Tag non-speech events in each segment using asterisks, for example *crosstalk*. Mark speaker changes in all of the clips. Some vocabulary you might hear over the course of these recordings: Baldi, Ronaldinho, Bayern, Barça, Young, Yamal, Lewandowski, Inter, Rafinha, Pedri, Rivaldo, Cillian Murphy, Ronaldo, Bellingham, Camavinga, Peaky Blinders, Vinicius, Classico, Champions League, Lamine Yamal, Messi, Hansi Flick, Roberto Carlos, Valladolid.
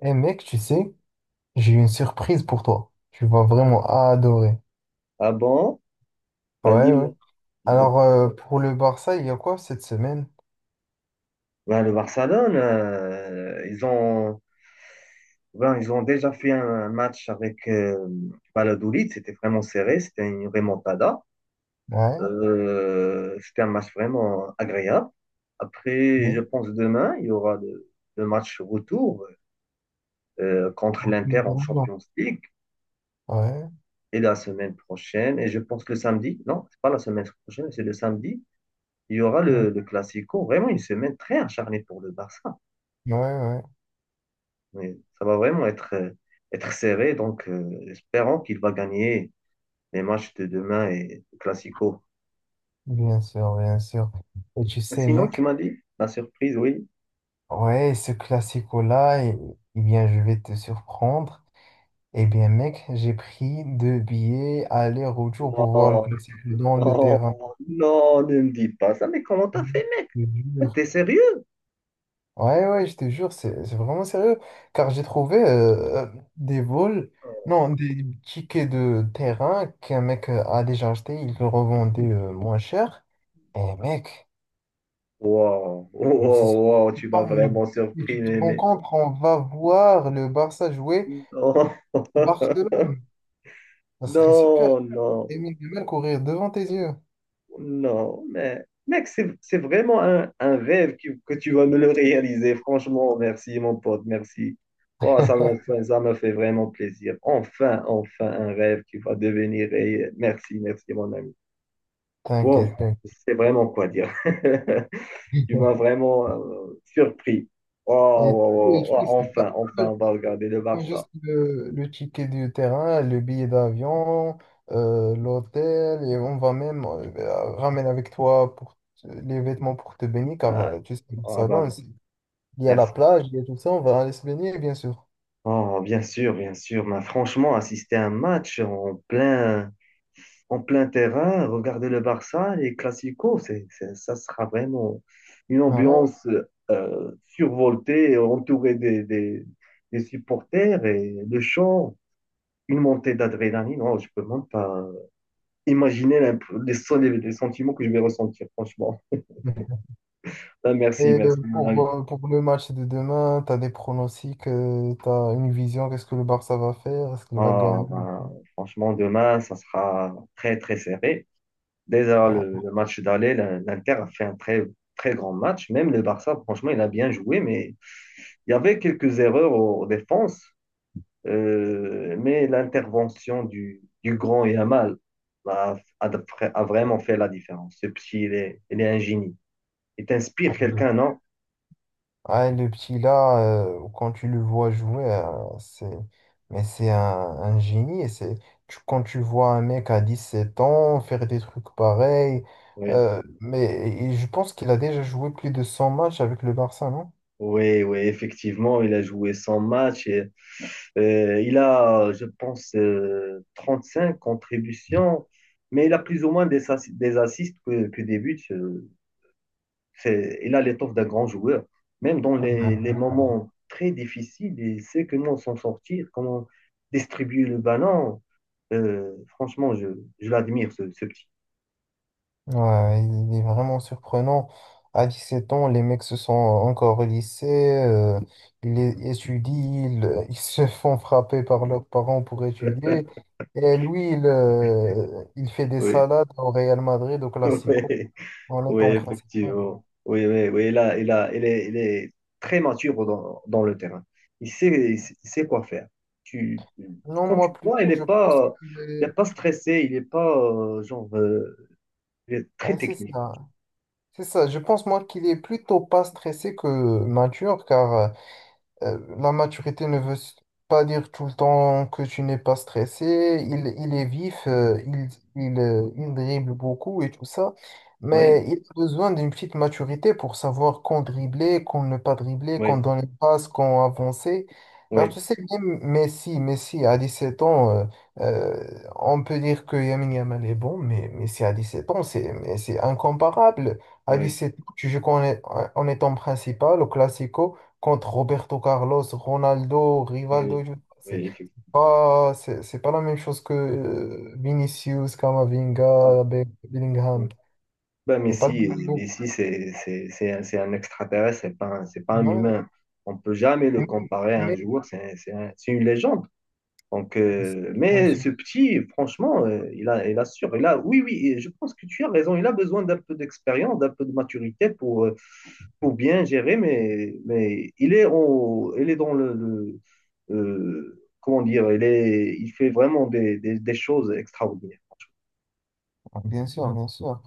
Speaker 1: Eh mec, tu sais, j'ai une surprise pour toi. Tu vas vraiment adorer.
Speaker 2: Ah bon? Ben
Speaker 1: Ouais, ouais.
Speaker 2: dis-moi. Dis-moi.
Speaker 1: Alors, pour le Barça, il y a quoi cette semaine?
Speaker 2: Ben, le Barcelone, ben, ils ont déjà fait un match avec Valladolid. C'était vraiment serré. C'était une remontada.
Speaker 1: Ouais,
Speaker 2: C'était un match vraiment agréable. Après,
Speaker 1: ouais.
Speaker 2: je pense demain, il y aura le match retour contre l'Inter en Champions League.
Speaker 1: Ouais,
Speaker 2: Et la semaine prochaine, et je pense le samedi, non, c'est pas la semaine prochaine, c'est le samedi, il y aura
Speaker 1: Mm.
Speaker 2: le Classico. Vraiment une semaine très acharnée pour le Barça.
Speaker 1: Ouais, ouais.
Speaker 2: Mais ça va vraiment être serré, donc espérons qu'il va gagner les matchs de demain et le Classico.
Speaker 1: Bien sûr, bien sûr. Et tu sais,
Speaker 2: Sinon, tu
Speaker 1: mec,
Speaker 2: m'as dit la surprise, oui.
Speaker 1: ouais, ce classico-là, eh bien, je vais te surprendre. Eh bien, mec, j'ai pris deux billets aller-retour pour voir le
Speaker 2: Non,
Speaker 1: classico dans le
Speaker 2: non,
Speaker 1: terrain.
Speaker 2: non, ne me dis pas ça, mais comment t'as
Speaker 1: Je
Speaker 2: fait,
Speaker 1: te jure.
Speaker 2: mec? T'es sérieux?
Speaker 1: Ouais, ouais, je te jure, c'est vraiment sérieux. Car j'ai trouvé des vols, non, des tickets de terrain qu'un mec a déjà acheté, il le revendait moins cher. Et mec,
Speaker 2: Wow,
Speaker 1: mais c'est
Speaker 2: wow,
Speaker 1: super.
Speaker 2: wow, tu m'as vraiment
Speaker 1: Mais
Speaker 2: surpris,
Speaker 1: tu te
Speaker 2: mais,
Speaker 1: rends
Speaker 2: mais...
Speaker 1: compte, on va voir le Barça jouer
Speaker 2: Non, *laughs*
Speaker 1: Barcelone. Ça serait super.
Speaker 2: non, non.
Speaker 1: Lamine Yamal courir devant tes yeux.
Speaker 2: Non, mais mec, c'est vraiment un rêve que tu vas me le réaliser. Franchement, merci mon pote, merci. Oh, ça m'a
Speaker 1: *laughs*
Speaker 2: fait, ça m'a fait vraiment plaisir. Enfin, enfin, un rêve qui va devenir réel. Merci, merci mon ami. Wow,
Speaker 1: T'inquiète, t'inquiète.
Speaker 2: c'est vraiment quoi dire. *laughs* Tu m'as vraiment surpris. Oh,
Speaker 1: Et
Speaker 2: oh,
Speaker 1: tu,
Speaker 2: oh, oh,
Speaker 1: tu sais pas.
Speaker 2: enfin, enfin, on va regarder le
Speaker 1: Non,
Speaker 2: Barça.
Speaker 1: juste le ticket du terrain, le billet d'avion, l'hôtel, et on va même ben, ramener avec toi pour les vêtements pour te baigner, car
Speaker 2: Ah,
Speaker 1: tu sais, le
Speaker 2: oh, bah,
Speaker 1: salon, il y a la
Speaker 2: merci.
Speaker 1: plage, il y a tout ça, on va aller se baigner, bien sûr.
Speaker 2: Oh, bien sûr, bien sûr. Mais franchement, assister à un match en plein terrain, regarder le Barça, les Clasico, ça sera vraiment une
Speaker 1: Ouais.
Speaker 2: ambiance survoltée, entourée des supporters et le chant, une montée d'adrénaline. Non, je peux même pas imaginer les sentiments que je vais ressentir, franchement. Ah, merci,
Speaker 1: Et
Speaker 2: merci, mon
Speaker 1: pour,
Speaker 2: ami.
Speaker 1: euh, pour le match de demain, tu as des pronostics, tu as une vision, qu'est-ce que le Barça va faire, est-ce qu'il va
Speaker 2: Ah,
Speaker 1: gagner?
Speaker 2: ben, franchement, demain, ça sera très, très serré. Déjà,
Speaker 1: Ah,
Speaker 2: le match d'aller, l'Inter a fait un très, très grand match. Même le Barça, franchement, il a bien joué, mais il y avait quelques erreurs en défense, mais l'intervention du grand Yamal a, a, a vraiment fait la différence. Ce petit, il est un génie. Il
Speaker 1: ah,
Speaker 2: t'inspire quelqu'un, non?
Speaker 1: ah, et le petit là, quand tu le vois jouer, c'est. Mais c'est un génie. Quand tu vois un mec à 17 ans faire des trucs pareils,
Speaker 2: Oui.
Speaker 1: euh, mais et je pense qu'il a déjà joué plus de 100 matchs avec le Barça, non?
Speaker 2: Oui, oui, effectivement, il a joué 100 matchs. Et, il a, je pense, cinq contributions, mais il a plus ou moins des assists que des buts. Il a l'étoffe d'un grand joueur. Même dans
Speaker 1: Ah
Speaker 2: les
Speaker 1: ouais.
Speaker 2: moments très difficiles, il sait comment s'en sortir, comment distribuer le ballon. Franchement, je l'admire, ce petit.
Speaker 1: Ouais, il est vraiment surprenant. À 17 ans, les mecs se sont encore au lycée, euh, étudient, *laughs* ils se font frapper par leurs parents pour étudier.
Speaker 2: *laughs*
Speaker 1: Et lui, il fait des
Speaker 2: Oui,
Speaker 1: salades au Real Madrid, au Classico,
Speaker 2: oui,
Speaker 1: en
Speaker 2: oui,
Speaker 1: étant principal.
Speaker 2: effectivement. Oui, oui, oui. Il est très mature dans le terrain. Il sait quoi faire. Tu,
Speaker 1: Non,
Speaker 2: Quand tu
Speaker 1: moi
Speaker 2: le vois,
Speaker 1: plutôt, je pense qu'il
Speaker 2: il
Speaker 1: est.
Speaker 2: est pas stressé, il n'est pas genre il est très
Speaker 1: Ouais, c'est
Speaker 2: technique.
Speaker 1: ça. C'est ça. Je pense, moi, qu'il est plutôt pas stressé que mature, car la maturité ne veut pas dire tout le temps que tu n'es pas stressé. Il est vif, il dribble beaucoup et tout ça.
Speaker 2: Oui,
Speaker 1: Mais il a besoin d'une petite maturité pour savoir quand dribbler, quand ne pas dribbler, quand
Speaker 2: oui,
Speaker 1: donner une passe, quand avancer. Car
Speaker 2: oui,
Speaker 1: tu sais, même Messi à 17 ans, euh, on peut dire que Yamin Yamal est bon, mais Messi à 17 ans, c'est mais c'est incomparable. À
Speaker 2: oui.
Speaker 1: 17 ans, tu joues en étant principal au Classico contre Roberto Carlos, Ronaldo,
Speaker 2: Oui,
Speaker 1: Rivaldo,
Speaker 2: oui,
Speaker 1: c'est
Speaker 2: effectivement.
Speaker 1: c'est pas, c'est pas la même chose que Vinicius, Camavinga,
Speaker 2: Oui.
Speaker 1: Bellingham.
Speaker 2: Ben, mais
Speaker 1: C'est pas le
Speaker 2: si,
Speaker 1: même niveau.
Speaker 2: Messi, c'est un extraterrestre, c'est pas un
Speaker 1: Ouais,
Speaker 2: humain. On peut jamais
Speaker 1: et
Speaker 2: le
Speaker 1: même-
Speaker 2: comparer
Speaker 1: et
Speaker 2: à un
Speaker 1: même-
Speaker 2: joueur, c'est une légende. Donc,
Speaker 1: bien
Speaker 2: mais ce petit, franchement, il assure. Oui, oui, et je pense que tu as raison. Il a besoin d'un peu d'expérience, d'un peu de maturité pour bien gérer, mais il est dans le comment dire, il fait vraiment des choses extraordinaires.
Speaker 1: sûr, bien sûr.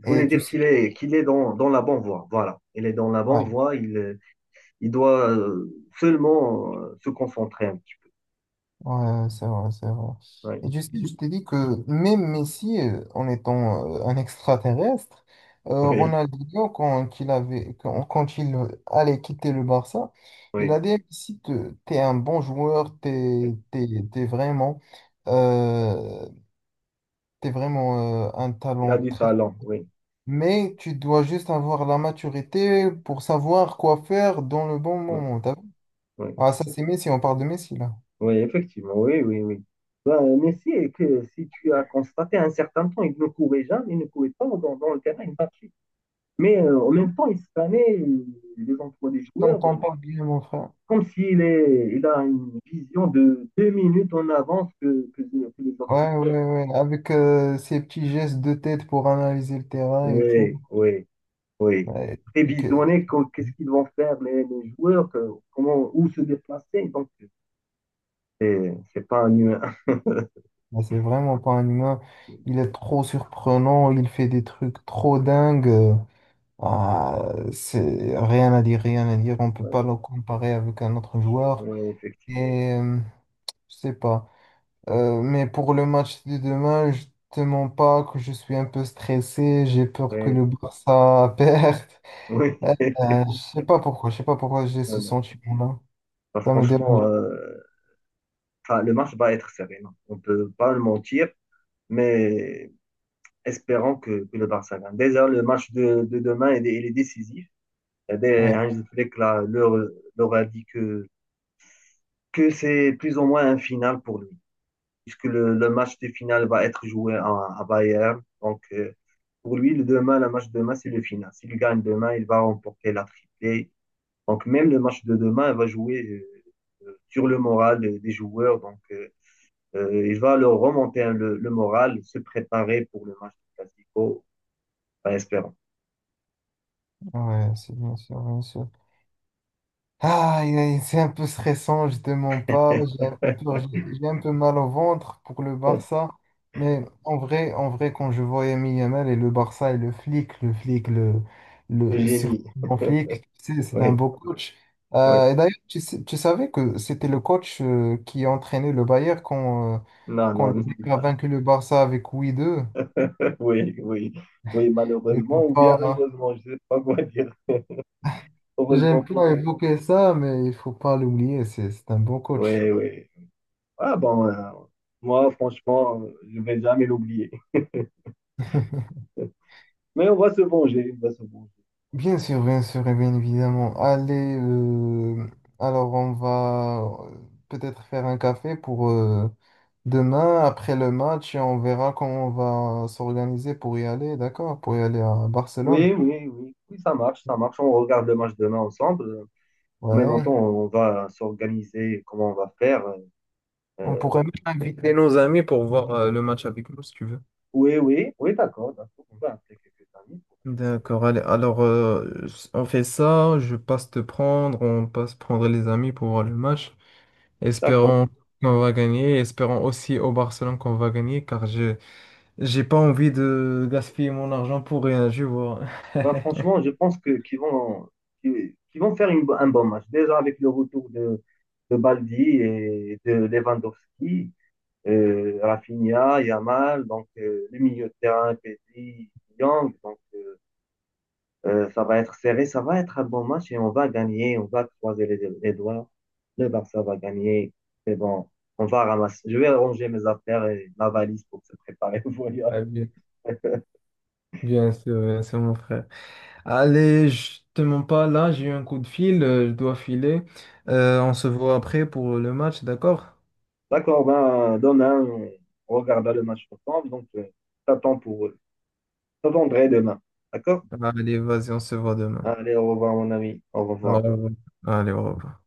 Speaker 2: Je voulais
Speaker 1: Et tu
Speaker 2: dire
Speaker 1: sais,
Speaker 2: qu'il est dans la bonne voie. Voilà. Il est dans la bonne voie. Il doit seulement se concentrer un petit
Speaker 1: ouais, c'est vrai, c'est vrai.
Speaker 2: peu. Oui,
Speaker 1: Et tu sais, je t'ai dit que même Messi, en étant un extraterrestre,
Speaker 2: *laughs*
Speaker 1: Ronaldinho, quand, qu'il avait, quand, quand il allait quitter le Barça,
Speaker 2: oui,
Speaker 1: il
Speaker 2: oui.
Speaker 1: a dit, si t'es un bon joueur,
Speaker 2: Oui.
Speaker 1: euh, t'es vraiment un
Speaker 2: Il a
Speaker 1: talent
Speaker 2: du
Speaker 1: très.
Speaker 2: talent. Oui,
Speaker 1: Mais tu dois juste avoir la maturité pour savoir quoi faire dans le bon
Speaker 2: oui,
Speaker 1: moment. T'as vu.
Speaker 2: oui.
Speaker 1: Ah, ça, c'est Messi, on parle de Messi, là.
Speaker 2: Oui, effectivement. Oui, oui, oui. Ben, Messi, et que, si tu as constaté un certain temps, il ne courait jamais, il ne courait pas dans le terrain, il marchait. Mais en même temps, il scannait les emplois des
Speaker 1: Je
Speaker 2: joueurs
Speaker 1: t'entends pas bien, mon frère.
Speaker 2: comme il a une vision de 2 minutes en avance que les autres.
Speaker 1: Ouais, ouais, ouais, avec ces petits gestes de tête pour analyser le terrain et tout.
Speaker 2: Oui, oui, oui.
Speaker 1: Ouais, donc,
Speaker 2: Prévisionner qu'est-ce qu'ils vont faire les joueurs, comment, où se déplacer. Donc, c'est pas un humain.
Speaker 1: ouais, c'est vraiment pas un humain. Il
Speaker 2: *laughs*
Speaker 1: est trop surprenant, il fait des trucs trop dingues. Ah, c'est rien à dire, rien à dire. On peut
Speaker 2: Oui,
Speaker 1: pas le comparer avec un autre joueur.
Speaker 2: ouais, effectivement.
Speaker 1: Et je sais pas. Mais pour le match de demain, je te mens pas que je suis un peu stressé. J'ai peur que
Speaker 2: Oui,
Speaker 1: le Barça perde. *laughs*
Speaker 2: oui. *laughs*
Speaker 1: Je sais pas pourquoi j'ai
Speaker 2: Non,
Speaker 1: ce
Speaker 2: non.
Speaker 1: sentiment-là.
Speaker 2: Bah,
Speaker 1: Ça me dérange.
Speaker 2: franchement, enfin, le match va être serré. Non. On peut pas le mentir, mais espérons que le Barça gagne. Déjà, le match de demain, il est décisif. Et dès
Speaker 1: Ouais,
Speaker 2: Hansi Flick là, leur a dit que c'est plus ou moins un final pour lui. Puisque le match de finale va être joué à Bayern. Donc, pour lui, le match de demain, c'est le final. S'il gagne demain, il va remporter la triplée. Donc, même le match de demain, il va jouer sur le moral des joueurs. Donc, il va leur remonter hein, le moral, se préparer pour le match du Classico, en espérant.
Speaker 1: ouais, c'est bien sûr, bien sûr. Ah, c'est un peu stressant, je te mens pas.
Speaker 2: *laughs*
Speaker 1: J'ai un peu peur, j'ai un peu mal au ventre pour le Barça. Mais en vrai, quand je vois Lamine Yamal et le Barça et le flic, le flic, le,
Speaker 2: Le
Speaker 1: le
Speaker 2: génie,
Speaker 1: surprenant flic, tu sais, c'est un
Speaker 2: oui,
Speaker 1: beau coach.
Speaker 2: oui.
Speaker 1: Et d'ailleurs, tu savais que c'était le coach qui entraînait le Bayern quand, euh,
Speaker 2: Non,
Speaker 1: quand le
Speaker 2: non, ne
Speaker 1: Bayern a
Speaker 2: pas
Speaker 1: vaincu le Barça avec 8-2.
Speaker 2: ça. Oui, oui, oui,
Speaker 1: Il faut
Speaker 2: malheureusement ou bien
Speaker 1: pas. Hein.
Speaker 2: heureusement, je ne sais pas quoi dire. Heureusement
Speaker 1: J'aime
Speaker 2: pour
Speaker 1: pas
Speaker 2: nous.
Speaker 1: évoquer ça, mais il faut pas l'oublier, c'est un bon coach.
Speaker 2: Oui, oui. Ah bon, moi, franchement, je vais jamais l'oublier.
Speaker 1: *laughs*
Speaker 2: *laughs* Mais on va se venger, on va se venger.
Speaker 1: Bien sûr, et bien évidemment. Allez, alors on va euh, peut-être faire un café pour demain, après le match, et on verra comment on va s'organiser pour y aller, d'accord? Pour y aller à Barcelone.
Speaker 2: Oui, oui, oui, oui, ça marche, ça marche. On regarde le match demain ensemble. En même temps,
Speaker 1: Ouais.
Speaker 2: on va s'organiser comment on va faire.
Speaker 1: On pourrait
Speaker 2: Euh,
Speaker 1: même inviter nos amis pour voir le match avec nous, si tu veux.
Speaker 2: oui, oui, oui, d'accord, d'accord. On va appeler quelques amis.
Speaker 1: D'accord, allez. Alors, on fait ça, je passe te prendre, on passe prendre les amis pour voir le match.
Speaker 2: D'accord.
Speaker 1: Espérons qu'on va gagner. Espérons aussi au Barcelone qu'on va gagner, car je j'ai pas envie de gaspiller mon argent pour rien, je vois. *laughs*
Speaker 2: Ben, franchement, je pense que qu'ils vont, qu'ils qu'ils vont faire une un bon match. Déjà avec le retour de Baldi et de Lewandowski, Rafinha, Yamal, donc le milieu de terrain, Pedri, Young, donc ça va être serré, ça va être un bon match et on va gagner, on va croiser les doigts, le Barça va gagner, c'est bon, on va ramasser, je vais ranger mes affaires et ma valise pour se préparer au voyage.
Speaker 1: Ah, bien, bien sûr, mon frère. Allez, je te mens pas là, j'ai eu un coup de fil, je dois filer. On se voit après pour le match, d'accord?
Speaker 2: D'accord, ben demain, on regardera le match ensemble, donc t'attends pour, t'attendrai demain, d'accord?
Speaker 1: Allez, vas-y, on se voit demain.
Speaker 2: Allez, au revoir mon ami, au
Speaker 1: Au
Speaker 2: revoir.
Speaker 1: revoir. Allez, au revoir.